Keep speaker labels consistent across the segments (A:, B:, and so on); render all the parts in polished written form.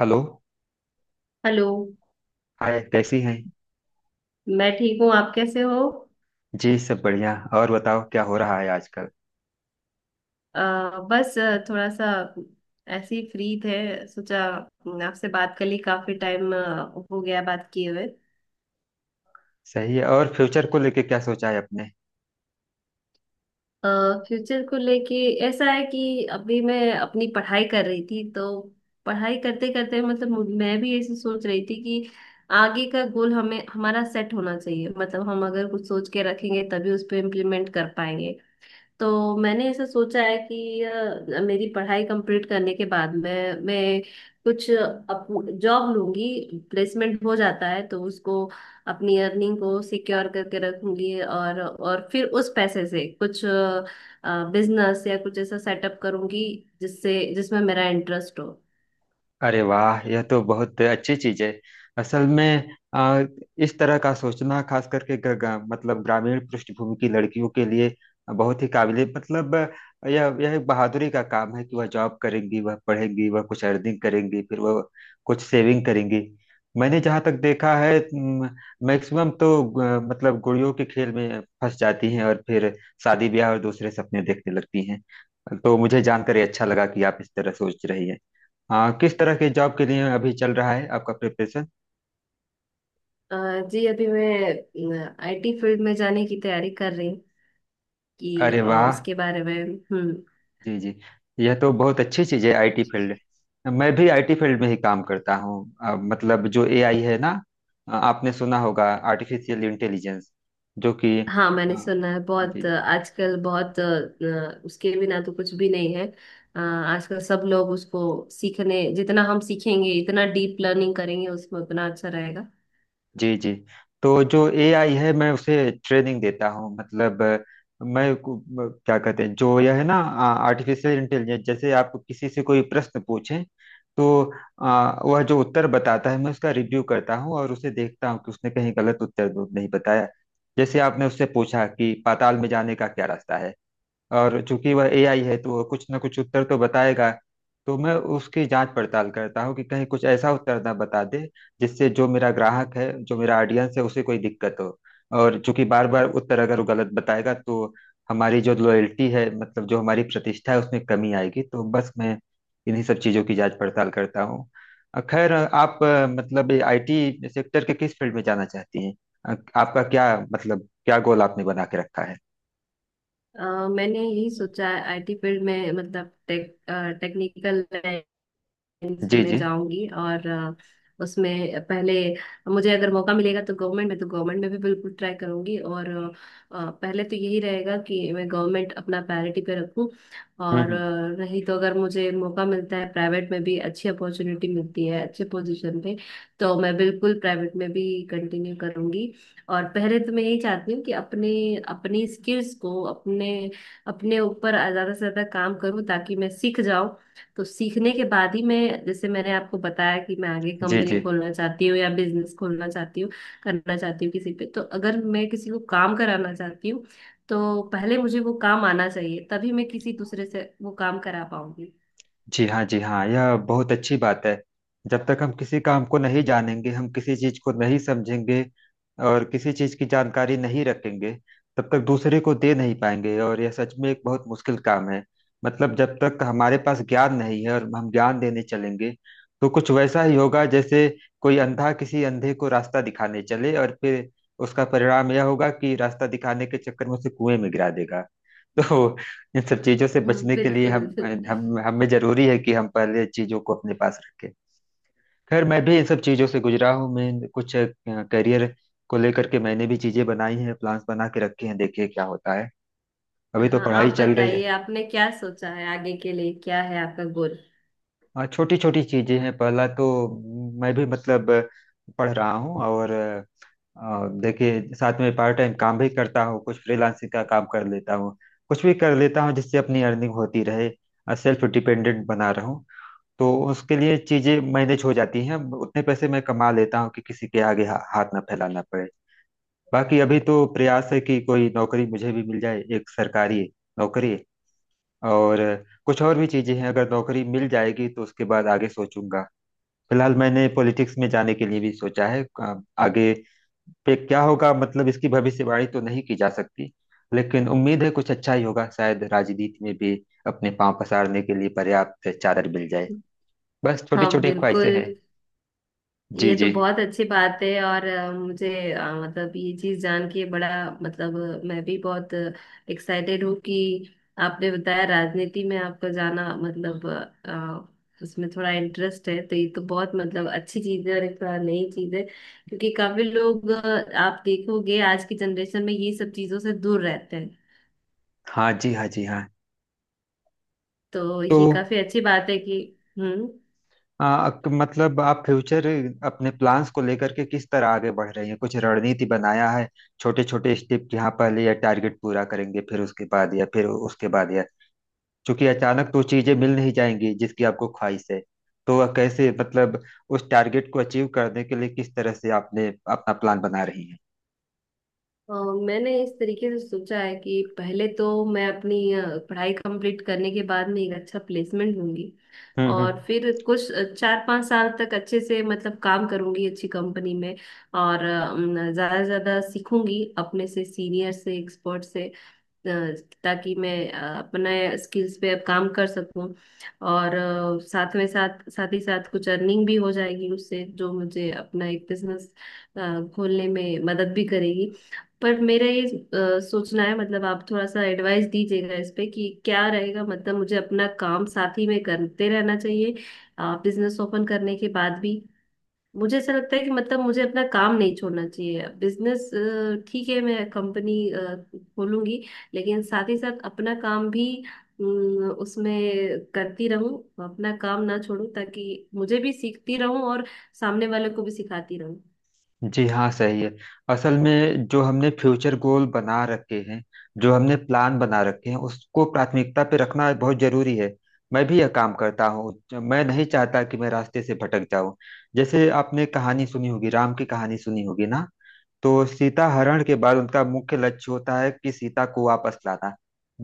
A: Hello.
B: Hello.
A: Hi, कैसी हैं।
B: मैं ठीक हूँ, आप कैसे हो?
A: जी सब बढ़िया। और बताओ क्या हो रहा है आजकल।
B: अ, बस थोड़ा सा ऐसे ही फ्री थे, सोचा आपसे बात कर ली, काफी टाइम हो गया बात किए हुए।
A: सही है। और फ्यूचर को लेके क्या सोचा है अपने।
B: फ्यूचर को लेके ऐसा है कि अभी मैं अपनी पढ़ाई कर रही थी, तो पढ़ाई करते करते मतलब मैं भी ऐसे सोच रही थी कि आगे का गोल हमें हमारा सेट होना चाहिए। मतलब हम अगर कुछ सोच के रखेंगे तभी उस पर इम्प्लीमेंट कर पाएंगे। तो मैंने ऐसा सोचा है कि मेरी पढ़ाई कंप्लीट करने के बाद मैं कुछ अप जॉब लूंगी। प्लेसमेंट हो जाता है तो उसको अपनी अर्निंग को सिक्योर करके रखूंगी, और फिर उस पैसे से कुछ बिजनेस या कुछ ऐसा सेटअप करूंगी जिससे जिसमें मेरा इंटरेस्ट हो।
A: अरे वाह, यह तो बहुत अच्छी चीज है। असल में आ, इस तरह का सोचना, खास करके ग, ग, मतलब ग्रामीण पृष्ठभूमि की लड़कियों के लिए बहुत ही काबिले, मतलब यह एक बहादुरी का काम है कि वह जॉब करेंगी, वह पढ़ेंगी, वह कुछ अर्निंग करेंगी, फिर वह कुछ सेविंग करेंगी। मैंने जहाँ तक देखा है, मैक्सिमम तो मतलब गुड़ियों के खेल में फंस जाती हैं और फिर शादी ब्याह और दूसरे सपने देखने लगती हैं। तो मुझे जानकर ये अच्छा लगा कि आप इस तरह सोच रही हैं। हाँ, किस तरह के जॉब के लिए अभी चल रहा है आपका प्रिपरेशन।
B: अ, जी, अभी मैं आईटी फील्ड में जाने की तैयारी कर रही हूँ कि
A: अरे वाह।
B: उसके बारे में। हम्म।
A: जी जी। यह तो बहुत अच्छी चीज़ है आईटी फील्ड। मैं भी आईटी फील्ड में ही काम करता हूँ। मतलब जो एआई है ना, आपने सुना होगा, आर्टिफिशियल इंटेलिजेंस जो कि
B: हाँ, मैंने
A: अ,
B: सुना है बहुत
A: जी
B: आजकल बहुत उसके बिना तो कुछ भी नहीं है। आजकल सब लोग उसको सीखने, जितना हम सीखेंगे इतना डीप लर्निंग करेंगे उसमें उतना अच्छा रहेगा।
A: जी जी। तो जो एआई है, मैं उसे ट्रेनिंग देता हूँ। मतलब मैं क्या कहते हैं जो यह है ना आर्टिफिशियल इंटेलिजेंस। जैसे आप किसी से कोई प्रश्न पूछें तो वह जो उत्तर बताता है मैं उसका रिव्यू करता हूँ और उसे देखता हूँ कि उसने कहीं गलत उत्तर तो नहीं बताया। जैसे आपने उससे पूछा कि पाताल में जाने का क्या रास्ता है, और चूंकि वह एआई है तो वह कुछ ना कुछ उत्तर तो बताएगा। तो मैं उसकी जांच पड़ताल करता हूँ कि कहीं कुछ ऐसा उत्तर ना बता दे जिससे जो मेरा ग्राहक है, जो मेरा ऑडियंस है, उसे कोई दिक्कत हो। और चूंकि बार बार उत्तर अगर वो गलत बताएगा तो हमारी जो लॉयल्टी है, मतलब जो हमारी प्रतिष्ठा है, उसमें कमी आएगी। तो बस मैं इन्हीं सब चीजों की जांच पड़ताल करता हूँ। खैर आप मतलब आईटी सेक्टर के किस फील्ड में जाना चाहती हैं। आपका क्या, मतलब क्या गोल आपने बना के रखा है।
B: मैंने यही सोचा है आईटी फील्ड में, मतलब टेक टेक्निकल लाइन्स
A: जी
B: में
A: जी।
B: जाऊंगी, और उसमें पहले मुझे अगर मौका मिलेगा तो गवर्नमेंट में, तो गवर्नमेंट में भी बिल्कुल ट्राई करूंगी। और पहले तो यही रहेगा कि मैं गवर्नमेंट अपना प्रायोरिटी पे रखूं, और
A: हम्म।
B: नहीं तो अगर मुझे मौका मिलता है, प्राइवेट में भी अच्छी अपॉर्चुनिटी मिलती है अच्छे पोजीशन पे तो मैं बिल्कुल प्राइवेट में भी कंटिन्यू करूंगी। और पहले तो मैं यही चाहती हूँ कि अपने अपनी स्किल्स को अपने अपने ऊपर ज्यादा से ज्यादा काम करूँ ताकि मैं सीख जाऊं। तो सीखने के बाद ही मैं, जैसे मैंने आपको बताया कि मैं आगे
A: जी जी।
B: कंपनी खोलना चाहती हूँ या बिजनेस खोलना चाहती हूँ, करना चाहती हूँ किसी पे, तो अगर मैं किसी को काम कराना चाहती हूँ तो पहले मुझे वो काम आना चाहिए तभी मैं किसी दूसरे से वो काम करा पाऊंगी।
A: जी हाँ, जी हाँ, यह बहुत अच्छी बात है। जब तक हम किसी काम को नहीं जानेंगे, हम किसी चीज को नहीं समझेंगे और किसी चीज की जानकारी नहीं रखेंगे, तब तक दूसरे को दे नहीं पाएंगे। और यह सच में एक बहुत मुश्किल काम है। मतलब जब तक हमारे पास ज्ञान नहीं है और हम ज्ञान देने चलेंगे, तो कुछ वैसा ही होगा जैसे कोई अंधा किसी अंधे को रास्ता दिखाने चले और फिर उसका परिणाम यह होगा कि रास्ता दिखाने के चक्कर में उसे कुएं में गिरा देगा। तो इन सब चीजों से बचने के लिए हम
B: बिल्कुल।
A: हम हमें जरूरी है कि हम पहले चीजों को अपने पास रखें। खैर मैं भी इन सब चीजों से गुजरा हूँ। मैं कुछ करियर को लेकर के मैंने भी चीजें बनाई हैं, प्लान्स बना के रखे हैं, देखिए क्या होता है। अभी तो
B: हाँ, आप
A: पढ़ाई चल रही है।
B: बताइए आपने क्या सोचा है आगे के लिए, क्या है आपका गोल।
A: हाँ, छोटी छोटी चीजें हैं। पहला तो मैं भी, मतलब पढ़ रहा हूँ, और देखिए साथ में पार्ट टाइम काम भी करता हूँ, कुछ फ्रीलांसिंग का काम कर लेता हूँ, कुछ भी कर लेता हूँ जिससे अपनी अर्निंग होती रहे, सेल्फ डिपेंडेंट बना रहूं। तो उसके लिए चीजें मैनेज हो जाती हैं। उतने पैसे मैं कमा लेता हूँ कि किसी के आगे हाथ ना फैलाना पड़े। बाकी अभी तो प्रयास है कि कोई नौकरी मुझे भी मिल जाए, एक सरकारी नौकरी। और कुछ और भी चीजें हैं, अगर नौकरी मिल जाएगी तो उसके बाद आगे सोचूंगा। फिलहाल मैंने पॉलिटिक्स में जाने के लिए भी सोचा है। आगे पे क्या होगा, मतलब इसकी भविष्यवाणी तो नहीं की जा सकती, लेकिन उम्मीद है कुछ अच्छा ही होगा। शायद राजनीति में भी अपने पांव पसारने के लिए पर्याप्त चादर मिल जाए। बस छोटी
B: हाँ
A: छोटी ख्वाहिशें हैं।
B: बिल्कुल,
A: जी
B: ये तो
A: जी।
B: बहुत अच्छी बात है। और मुझे मतलब ये चीज जान के बड़ा मतलब मैं भी बहुत एक्साइटेड हूँ कि आपने बताया राजनीति में आपका जाना, मतलब उसमें थोड़ा इंटरेस्ट है तो ये तो बहुत मतलब अच्छी चीज है और एक थोड़ा नई चीज है। क्योंकि काफी लोग आप देखोगे आज की जनरेशन में ये सब चीजों से दूर रहते हैं।
A: हाँ जी हाँ जी हाँ।
B: तो
A: तो
B: ये काफी अच्छी बात है कि। हम्म।
A: मतलब आप फ्यूचर, अपने प्लान्स को लेकर के किस तरह आगे बढ़ रहे हैं, कुछ रणनीति बनाया है। छोटे छोटे स्टेप कि हाँ पहले यह टारगेट पूरा करेंगे फिर उसके बाद या फिर उसके बाद। या क्योंकि अचानक तो चीजें मिल नहीं जाएंगी जिसकी आपको ख्वाहिश है। तो वह कैसे, मतलब उस टारगेट को अचीव करने के लिए किस तरह से आपने अपना प्लान बना रही है।
B: अ, मैंने इस तरीके से सोचा है कि पहले तो मैं अपनी पढ़ाई कंप्लीट करने के बाद में एक अच्छा प्लेसमेंट लूंगी। और
A: हम्म।
B: फिर कुछ चार पांच साल तक अच्छे से मतलब काम करूंगी अच्छी कंपनी में। और अ, न, ज्यादा से ज्यादा सीखूंगी अपने से सीनियर से, एक्सपर्ट से, अ, ताकि मैं अपने स्किल्स पे अब काम कर सकूं। और साथ में साथ साथ ही साथ कुछ अर्निंग भी हो जाएगी उससे, जो मुझे अपना एक बिजनेस खोलने में मदद भी करेगी। पर मेरा ये सोचना है, मतलब आप थोड़ा सा एडवाइस दीजिएगा इस पे कि क्या रहेगा। मतलब मुझे अपना काम साथ ही में करते रहना चाहिए बिजनेस ओपन करने के बाद भी। मुझे ऐसा लगता है कि मतलब मुझे अपना काम नहीं छोड़ना चाहिए। बिजनेस ठीक है, मैं कंपनी खोलूंगी लेकिन साथ ही साथ अपना काम भी उसमें करती रहूं, अपना काम ना छोड़ूं, ताकि मुझे भी सीखती रहूं और सामने वाले को भी सिखाती रहूं।
A: जी हाँ सही है। असल में जो हमने फ्यूचर गोल बना रखे हैं, जो हमने प्लान बना रखे हैं, उसको प्राथमिकता पे रखना बहुत जरूरी है। मैं भी यह काम करता हूँ। मैं नहीं चाहता कि मैं रास्ते से भटक जाऊं। जैसे आपने कहानी सुनी होगी, राम की कहानी सुनी होगी ना, तो सीता हरण के बाद उनका मुख्य लक्ष्य होता है कि सीता को वापस लाना।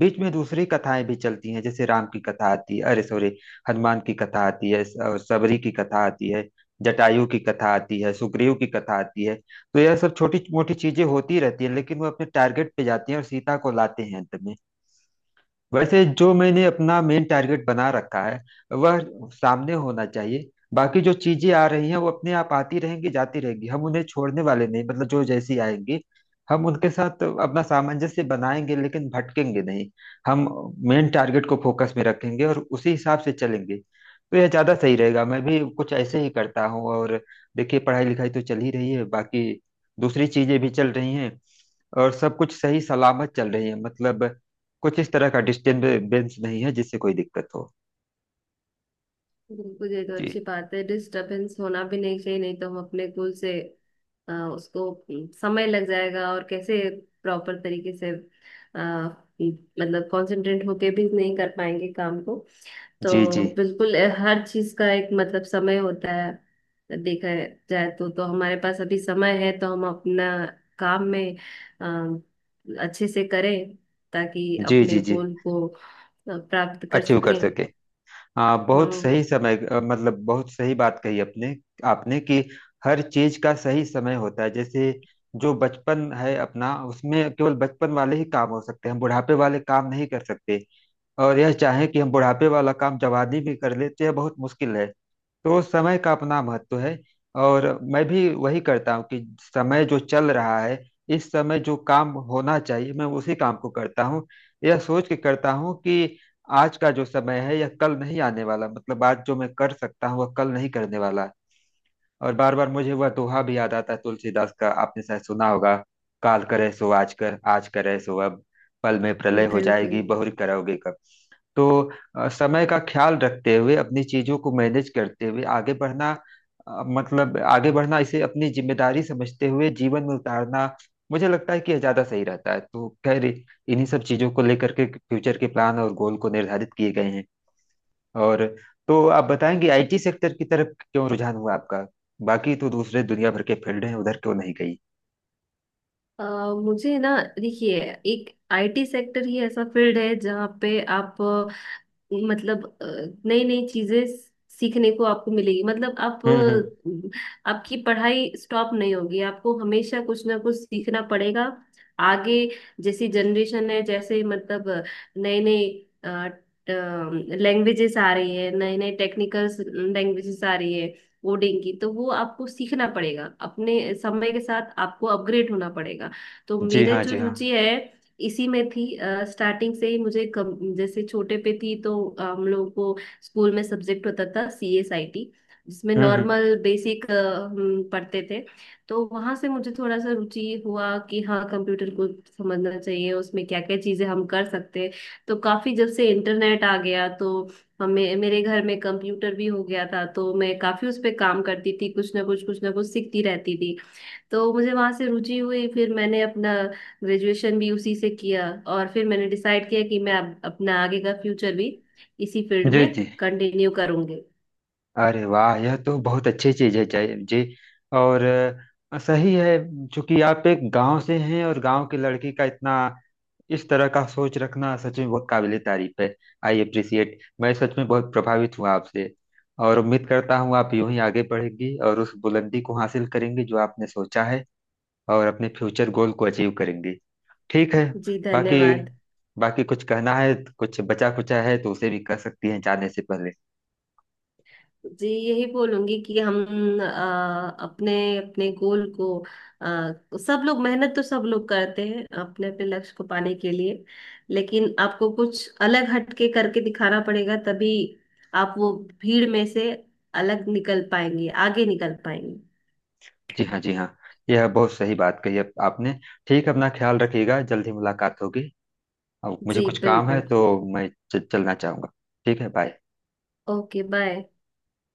A: बीच में दूसरी कथाएं भी चलती हैं, जैसे राम की कथा आती है, अरे सॉरी, हनुमान की कथा आती है, और सबरी की कथा आती है, जटायु की कथा आती है, सुग्रीव की कथा आती है। तो यह सब छोटी मोटी चीजें होती रहती है, लेकिन वो अपने टारगेट पे जाती हैं और सीता को लाते हैं अंत में। वैसे जो मैंने अपना मेन टारगेट बना रखा है, वह सामने होना चाहिए। बाकी जो चीजें आ रही हैं वो अपने आप आती रहेंगी, जाती रहेंगी। हम उन्हें छोड़ने वाले नहीं, मतलब जो जैसी आएंगी हम उनके साथ अपना सामंजस्य बनाएंगे, लेकिन भटकेंगे नहीं। हम मेन टारगेट को फोकस में रखेंगे और उसी हिसाब से चलेंगे। तो यह ज्यादा सही रहेगा, मैं भी कुछ ऐसे ही करता हूँ। और देखिए पढ़ाई लिखाई तो चल ही रही है, बाकी दूसरी चीजें भी चल रही हैं, और सब कुछ सही सलामत चल रही है। मतलब कुछ इस तरह का डिस्टरबेंस नहीं है जिससे कोई दिक्कत हो।
B: बिल्कुल, ये तो अच्छी
A: जी।
B: बात है। डिस्टरबेंस होना भी नहीं चाहिए नहीं तो हम अपने गोल से उसको समय लग जाएगा, और कैसे प्रॉपर तरीके से, अ, मतलब कंसंट्रेट होके भी नहीं कर पाएंगे काम को।
A: जी
B: तो
A: जी।
B: बिल्कुल हर चीज का एक मतलब समय होता है। देखा जाए तो हमारे पास अभी समय है तो हम अपना काम में अ, अच्छे से करें ताकि
A: जी
B: अपने
A: जी जी।
B: गोल को प्राप्त कर
A: अचीव कर
B: सकें।
A: सके। हाँ बहुत
B: हम्म,
A: सही समय, मतलब बहुत सही बात कही अपने, आपने कि हर चीज का सही समय होता है। जैसे जो बचपन है अपना, उसमें केवल बचपन वाले ही काम हो सकते हैं, हम बुढ़ापे वाले काम नहीं कर सकते। और यह चाहें कि हम बुढ़ापे वाला काम जवानी में कर लेते हैं, बहुत मुश्किल है। तो समय का अपना महत्व है। और मैं भी वही करता हूँ कि समय जो चल रहा है, इस समय जो काम होना चाहिए मैं उसी काम को करता हूँ। यह सोच के करता हूँ कि आज का जो समय है यह कल नहीं आने वाला, मतलब आज जो मैं कर सकता हूँ वह कल नहीं करने वाला। और बार बार मुझे वह दोहा भी याद आता है तुलसीदास का, आपने शायद सुना होगा, काल करे सो आज कर, आज करे सो अब, पल में प्रलय हो
B: बिल्कुल।
A: जाएगी, बहुरी करोगे कब। तो समय का ख्याल रखते हुए, अपनी चीजों को मैनेज करते हुए आगे बढ़ना, मतलब आगे बढ़ना, इसे अपनी जिम्मेदारी समझते हुए जीवन में उतारना, मुझे लगता है कि यह ज्यादा सही रहता है। तो खैर इन्हीं सब चीजों को लेकर के फ्यूचर के प्लान और गोल को निर्धारित किए गए हैं। और तो आप बताएंगे आईटी सेक्टर की तरफ क्यों रुझान हुआ आपका। बाकी तो दूसरे दुनिया भर के फील्ड हैं, उधर क्यों नहीं गई।
B: अ, मुझे ना, देखिए, एक आईटी सेक्टर ही ऐसा फील्ड है जहाँ पे आप मतलब नई नई चीजें सीखने को आपको मिलेगी, मतलब आप
A: हम्म।
B: आपकी पढ़ाई स्टॉप नहीं होगी, आपको हमेशा कुछ ना कुछ सीखना पड़ेगा आगे। जैसी जनरेशन है, जैसे मतलब नए नए लैंग्वेजेस आ रही है, नए नए टेक्निकल लैंग्वेजेस आ रही है कोडिंग की, तो वो आपको सीखना पड़ेगा, अपने समय के साथ आपको अपग्रेड होना पड़ेगा। तो
A: जी
B: मेरे
A: हाँ
B: जो
A: जी हाँ।
B: रुचि है इसी में थी। स्टार्टिंग से ही मुझे जैसे छोटे पे थी तो हम लोगों को स्कूल में सब्जेक्ट होता था CSIT, जिसमें
A: हम्म।
B: नॉर्मल बेसिक हम पढ़ते थे। तो वहां से मुझे थोड़ा सा रुचि हुआ कि हाँ, कंप्यूटर को समझना चाहिए, उसमें क्या क्या चीजें हम कर सकते हैं। तो काफी, जब से इंटरनेट आ गया तो हमें मेरे घर में कंप्यूटर भी हो गया था तो मैं काफी उस पे काम करती थी, कुछ ना कुछ सीखती रहती थी। तो मुझे वहां से रुचि हुई, फिर मैंने अपना ग्रेजुएशन भी उसी से किया। और फिर मैंने डिसाइड किया कि मैं अब अपना आगे का फ्यूचर भी इसी फील्ड
A: जी
B: में
A: जी।
B: कंटिन्यू करूंगी।
A: अरे वाह, यह तो बहुत अच्छी चीज है। जय जी। और सही है, क्योंकि आप एक गांव से हैं, और गांव की लड़की का इतना, इस तरह का सोच रखना सच में बहुत काबिले तारीफ है। आई अप्रिसिएट, मैं सच में बहुत प्रभावित हूँ आपसे। और उम्मीद करता हूँ आप यूं ही आगे बढ़ेंगी और उस बुलंदी को हासिल करेंगे जो आपने सोचा है, और अपने फ्यूचर गोल को अचीव करेंगे। ठीक है।
B: जी
A: बाकी,
B: धन्यवाद।
A: बाकी कुछ कहना है, कुछ बचा कुचा है तो उसे भी कह सकती हैं जाने से पहले।
B: जी, यही बोलूंगी कि हम अपने अपने गोल को अ, सब लोग मेहनत तो सब लोग करते हैं अपने अपने लक्ष्य को पाने के लिए, लेकिन आपको कुछ अलग हटके करके दिखाना पड़ेगा तभी आप वो भीड़ में से अलग निकल पाएंगे, आगे निकल पाएंगे।
A: जी हाँ जी हाँ, यह बहुत सही बात कही अब आपने। ठीक है, अपना ख्याल रखिएगा, जल्दी मुलाकात होगी। अब मुझे
B: जी
A: कुछ काम है
B: बिल्कुल।
A: तो मैं चलना चाहूंगा। ठीक है, बाय।
B: Okay, bye.